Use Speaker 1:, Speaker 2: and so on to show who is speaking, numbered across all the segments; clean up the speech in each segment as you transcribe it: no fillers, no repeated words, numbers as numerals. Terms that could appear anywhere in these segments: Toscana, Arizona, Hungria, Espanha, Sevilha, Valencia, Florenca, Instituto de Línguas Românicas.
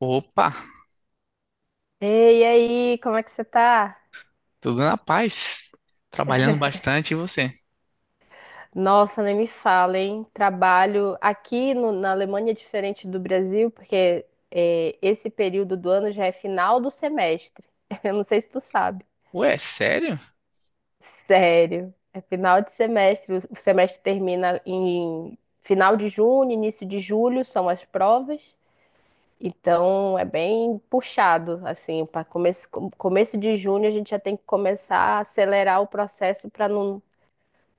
Speaker 1: Opa,
Speaker 2: Ei, e aí, como é que você tá?
Speaker 1: tudo na paz. Trabalhando bastante, e você?
Speaker 2: Nossa, nem me fala, hein? Trabalho aqui na Alemanha é diferente do Brasil, porque esse período do ano já é final do semestre. Eu não sei se tu sabe.
Speaker 1: Ué, sério?
Speaker 2: Sério, é final de semestre. O semestre termina em final de junho, início de julho são as provas. Então é bem puxado, assim, começo de junho a gente já tem que começar a acelerar o processo para não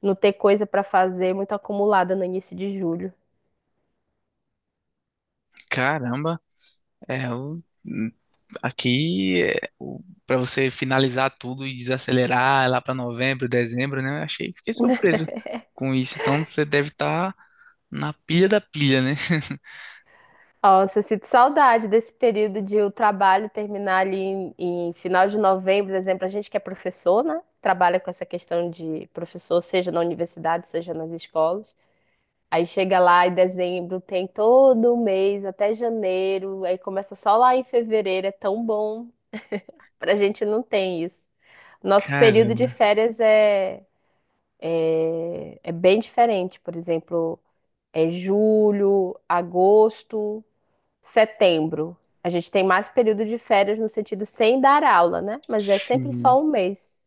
Speaker 2: não ter coisa pra fazer, muito acumulada no início de julho.
Speaker 1: Caramba, é o aqui é, o- pra você finalizar tudo e desacelerar lá pra novembro, dezembro, né? Eu achei, fiquei surpreso com isso. Então você deve estar na pilha da pilha, né?
Speaker 2: Nossa, eu sinto saudade desse período de o trabalho terminar ali em final de novembro, por exemplo, a gente que é professor, né? Trabalha com essa questão de professor, seja na universidade, seja nas escolas. Aí chega lá em dezembro, tem todo o mês até janeiro, aí começa só lá em fevereiro, é tão bom. Pra gente não tem isso. Nosso período de
Speaker 1: Caramba,
Speaker 2: férias é, é, é bem diferente, por exemplo. É julho, agosto, setembro. A gente tem mais período de férias no sentido sem dar aula, né? Mas é sempre
Speaker 1: sim.
Speaker 2: só um mês.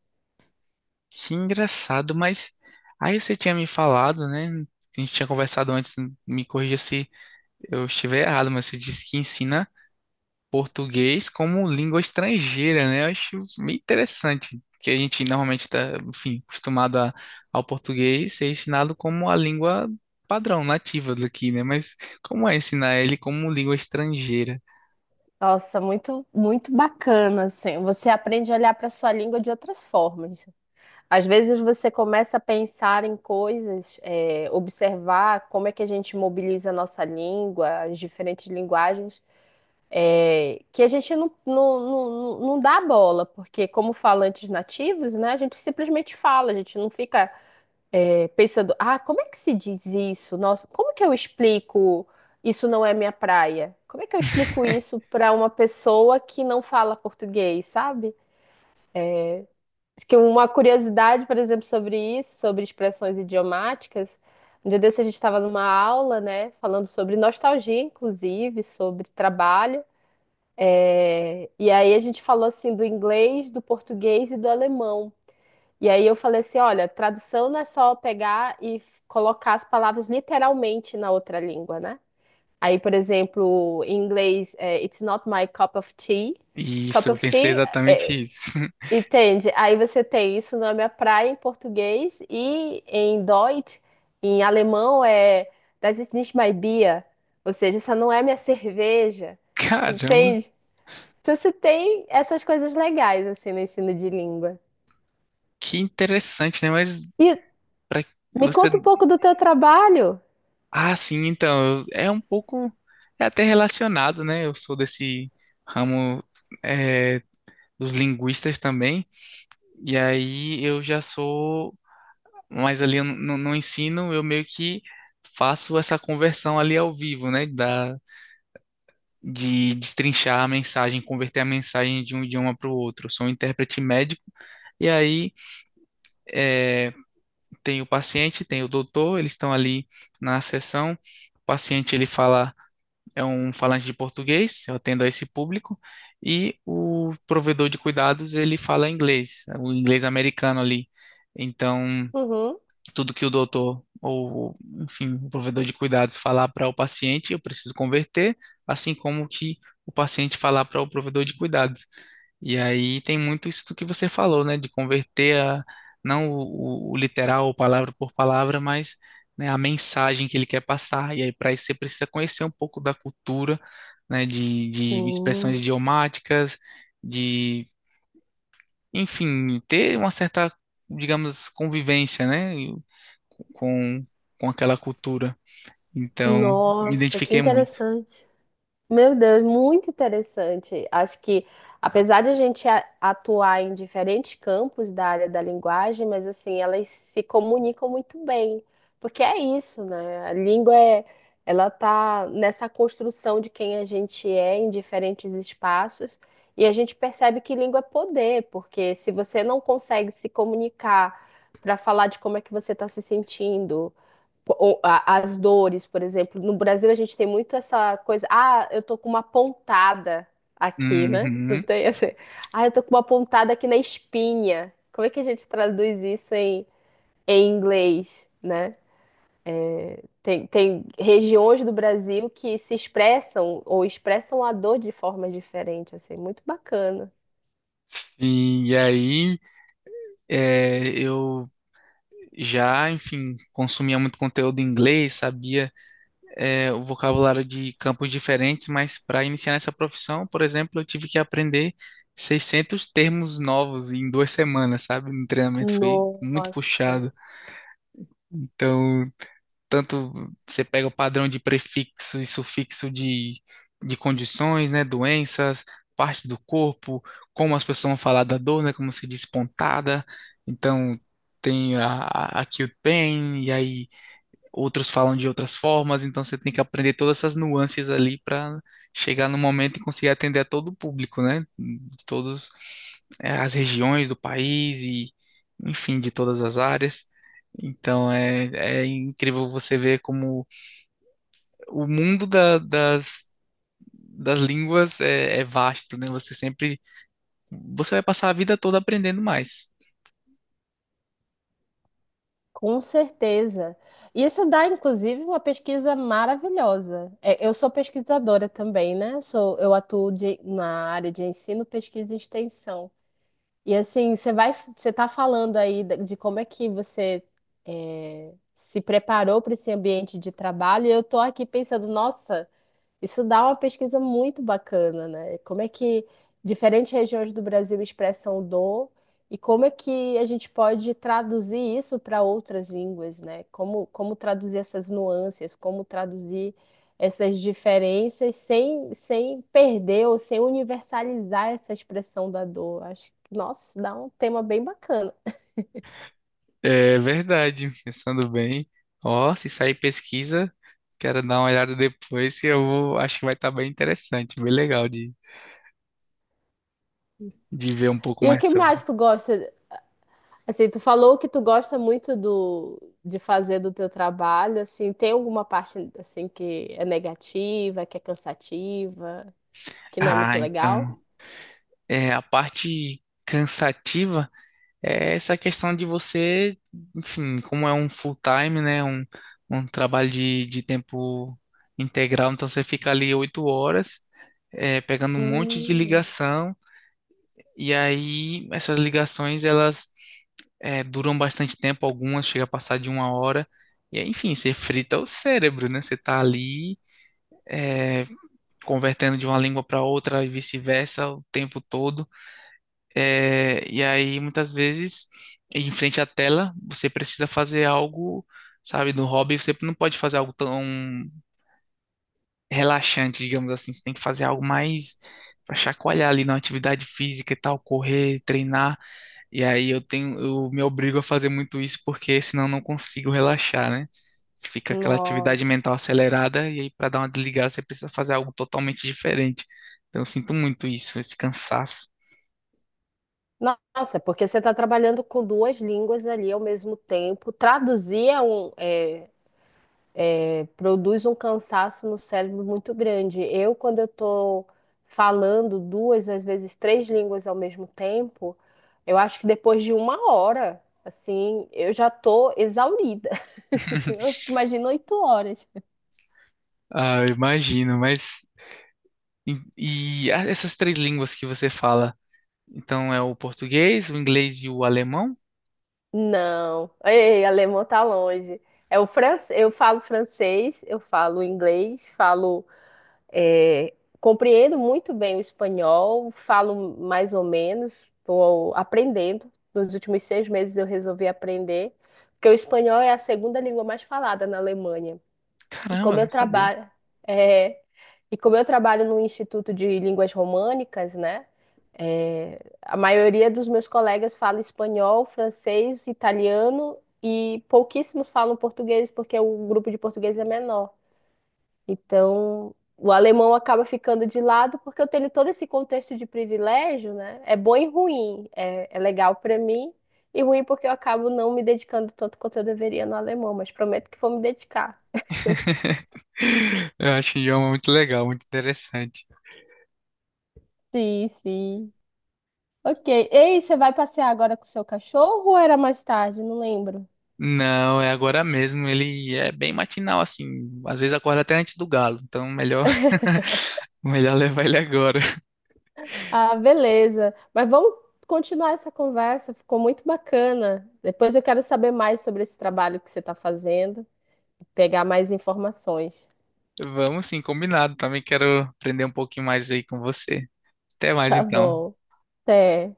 Speaker 1: Que engraçado, mas aí você tinha me falado, né? A gente tinha conversado antes, me corrija se eu estiver errado, mas você disse que ensina português como língua estrangeira, né? Eu acho meio interessante, que a gente normalmente está, enfim, acostumado ao português ser ensinado como a língua padrão, nativa daqui, né? Mas como é ensinar ele como língua estrangeira?
Speaker 2: Nossa, muito, muito bacana, assim. Você aprende a olhar para sua língua de outras formas. Às vezes você começa a pensar em coisas, observar como é que a gente mobiliza a nossa língua, as diferentes linguagens. Que a gente não dá bola, porque como falantes nativos, né, a gente simplesmente fala, a gente não fica pensando, ah, como é que se diz isso? Nossa, como que eu explico isso não é minha praia? Como é que eu explico isso para uma pessoa que não fala português, sabe? Acho que uma curiosidade, por exemplo, sobre isso, sobre expressões idiomáticas, um dia desse a gente estava numa aula, né, falando sobre nostalgia, inclusive, sobre trabalho, e aí a gente falou assim do inglês, do português e do alemão. E aí eu falei assim, olha, tradução não é só pegar e colocar as palavras literalmente na outra língua, né? Aí, por exemplo, em inglês, it's not my cup of tea.
Speaker 1: Isso,
Speaker 2: Cup
Speaker 1: eu
Speaker 2: of
Speaker 1: pensei
Speaker 2: tea, é,
Speaker 1: exatamente isso.
Speaker 2: entende? Aí você tem isso não é minha praia em português e em Deutsch, em alemão é das ist nicht mein Bier, ou seja, essa não é minha cerveja,
Speaker 1: Caramba,
Speaker 2: entende? Então, você tem essas coisas legais, assim, no ensino de língua.
Speaker 1: que interessante, né? Mas
Speaker 2: E
Speaker 1: para
Speaker 2: me
Speaker 1: você.
Speaker 2: conta um pouco do teu trabalho.
Speaker 1: Ah, sim, então, é um pouco. É até relacionado, né? Eu sou desse ramo, eh, dos linguistas também. E aí eu já sou, mas ali no ensino eu meio que faço essa conversão ali ao vivo, né? De destrinchar a mensagem, converter a mensagem de um idioma para o outro. Eu sou um intérprete médico, e aí eh, tem o paciente, tem o doutor, eles estão ali na sessão. O paciente ele fala, é um falante de português, eu atendo a esse público, e o provedor de cuidados ele fala inglês, o inglês americano ali. Então,
Speaker 2: Uhum.
Speaker 1: tudo que o doutor ou, enfim, o provedor de cuidados falar para o paciente, eu preciso converter, assim como que o paciente falar para o provedor de cuidados. E aí tem muito isso do que você falou, né, de converter a, não o literal, palavra por palavra, mas né, a mensagem que ele quer passar. E aí para isso você precisa conhecer um pouco da cultura, né, de expressões
Speaker 2: Sim.
Speaker 1: idiomáticas, de enfim, ter uma certa, digamos, convivência, né, com, com aquela cultura. Então, me
Speaker 2: Nossa, que
Speaker 1: identifiquei muito.
Speaker 2: interessante. Meu Deus, muito interessante. Acho que, apesar de a gente atuar em diferentes campos da área da linguagem, mas assim, elas se comunicam muito bem. Porque é isso, né? A língua é, ela tá nessa construção de quem a gente é em diferentes espaços, e a gente percebe que língua é poder, porque se você não consegue se comunicar para falar de como é que você está se sentindo, as dores, por exemplo. No Brasil a gente tem muito essa coisa, ah, eu tô com uma pontada aqui, né? Não
Speaker 1: Uhum.
Speaker 2: tem assim, ah, eu tô com uma pontada aqui na espinha. Como é que a gente traduz isso em inglês, né? Tem regiões do Brasil que se expressam ou expressam a dor de forma diferente, assim, muito bacana.
Speaker 1: Sim, e aí é, eu já, enfim, consumia muito conteúdo em inglês, sabia é, o vocabulário de campos diferentes, mas para iniciar nessa profissão, por exemplo, eu tive que aprender 600 termos novos em 2 semanas, sabe? No treinamento foi muito
Speaker 2: Nossa.
Speaker 1: puxado. Então, tanto você pega o padrão de prefixo e sufixo de condições, né, doenças, partes do corpo, como as pessoas vão falar da dor, né, como se diz pontada, então tem a acute pain, e aí outros falam de outras formas, então você tem que aprender todas essas nuances ali para chegar no momento e conseguir atender a todo o público, né? De todas as regiões do país e, enfim, de todas as áreas. Então é, é incrível você ver como o mundo das línguas é, é vasto, né? Você sempre, você vai passar a vida toda aprendendo mais.
Speaker 2: Com certeza. Isso dá, inclusive, uma pesquisa maravilhosa. É, eu sou pesquisadora também, né? Sou, eu atuo na área de ensino, pesquisa e extensão. E assim, você vai, você está falando aí de como é que você se preparou para esse ambiente de trabalho. E eu estou aqui pensando, nossa. Isso dá uma pesquisa muito bacana, né? Como é que diferentes regiões do Brasil expressam dor e como é que a gente pode traduzir isso para outras línguas, né? Como, como traduzir essas nuances, como traduzir essas diferenças sem perder ou sem universalizar essa expressão da dor. Acho que, nossa, dá um tema bem bacana.
Speaker 1: É verdade, pensando bem. Ó, se sair pesquisa, quero dar uma olhada depois, que eu vou, acho que vai estar bem interessante, bem legal de ver um pouco
Speaker 2: E o
Speaker 1: mais
Speaker 2: que
Speaker 1: sobre.
Speaker 2: mais tu gosta? Assim, tu falou que tu gosta muito de fazer do teu trabalho, assim, tem alguma parte, assim, que é negativa, que é cansativa, que não é muito
Speaker 1: Ah,
Speaker 2: legal?
Speaker 1: então, é, a parte cansativa é essa questão de você, enfim, como é um full time, né, um trabalho de tempo integral, então você fica ali 8 horas, é, pegando um monte de
Speaker 2: Hum,
Speaker 1: ligação, e aí essas ligações, elas é, duram bastante tempo, algumas chega a passar de 1 hora. E aí, enfim, você frita o cérebro, né? Você tá ali é, convertendo de uma língua para outra e vice-versa o tempo todo. É, e aí, muitas vezes, em frente à tela, você precisa fazer algo, sabe, no hobby, você não pode fazer algo tão relaxante, digamos assim. Você tem que fazer algo mais para chacoalhar ali na atividade física e tal, correr, treinar. E aí eu tenho, eu me obrigo a fazer muito isso porque senão eu não consigo relaxar, né? Fica aquela atividade
Speaker 2: nossa.
Speaker 1: mental acelerada e aí para dar uma desligada você precisa fazer algo totalmente diferente. Então eu sinto muito isso, esse cansaço.
Speaker 2: Nossa, porque você está trabalhando com duas línguas ali ao mesmo tempo. Traduzir é um, é, É, produz um cansaço no cérebro muito grande. Eu, quando eu estou falando duas, às vezes três línguas ao mesmo tempo, eu acho que depois de uma hora, assim, eu já tô exaurida. Imagino 8 horas.
Speaker 1: Ah, eu imagino, mas e, essas três línguas que você fala? Então é o português, o inglês e o alemão?
Speaker 2: Não, ei, alemão tá longe. É o francês, eu falo inglês, falo É, compreendo muito bem o espanhol, falo mais ou menos, estou aprendendo. Nos últimos 6 meses eu resolvi aprender, porque o espanhol é a segunda língua mais falada na Alemanha. E
Speaker 1: Caramba, eu
Speaker 2: como eu
Speaker 1: não sabia.
Speaker 2: trabalho, é, e como eu trabalho no Instituto de Línguas Românicas, né? A maioria dos meus colegas fala espanhol, francês, italiano e pouquíssimos falam português, porque o grupo de português é menor. Então, o alemão acaba ficando de lado porque eu tenho todo esse contexto de privilégio, né? É bom e ruim. É, é legal para mim e ruim porque eu acabo não me dedicando tanto quanto eu deveria no alemão, mas prometo que vou me dedicar.
Speaker 1: Eu acho o idioma muito legal, muito interessante.
Speaker 2: Sim, sim. Ok. Ei, você vai passear agora com o seu cachorro ou era mais tarde? Não lembro.
Speaker 1: Não, é agora mesmo. Ele é bem matinal, assim. Às vezes acorda até antes do galo. Então, melhor, melhor levar ele agora.
Speaker 2: Ah, beleza. Mas vamos continuar essa conversa, ficou muito bacana. Depois eu quero saber mais sobre esse trabalho que você está fazendo, pegar mais informações.
Speaker 1: Vamos sim, combinado. Também quero aprender um pouquinho mais aí com você. Até mais
Speaker 2: Tá
Speaker 1: então.
Speaker 2: bom. Sim.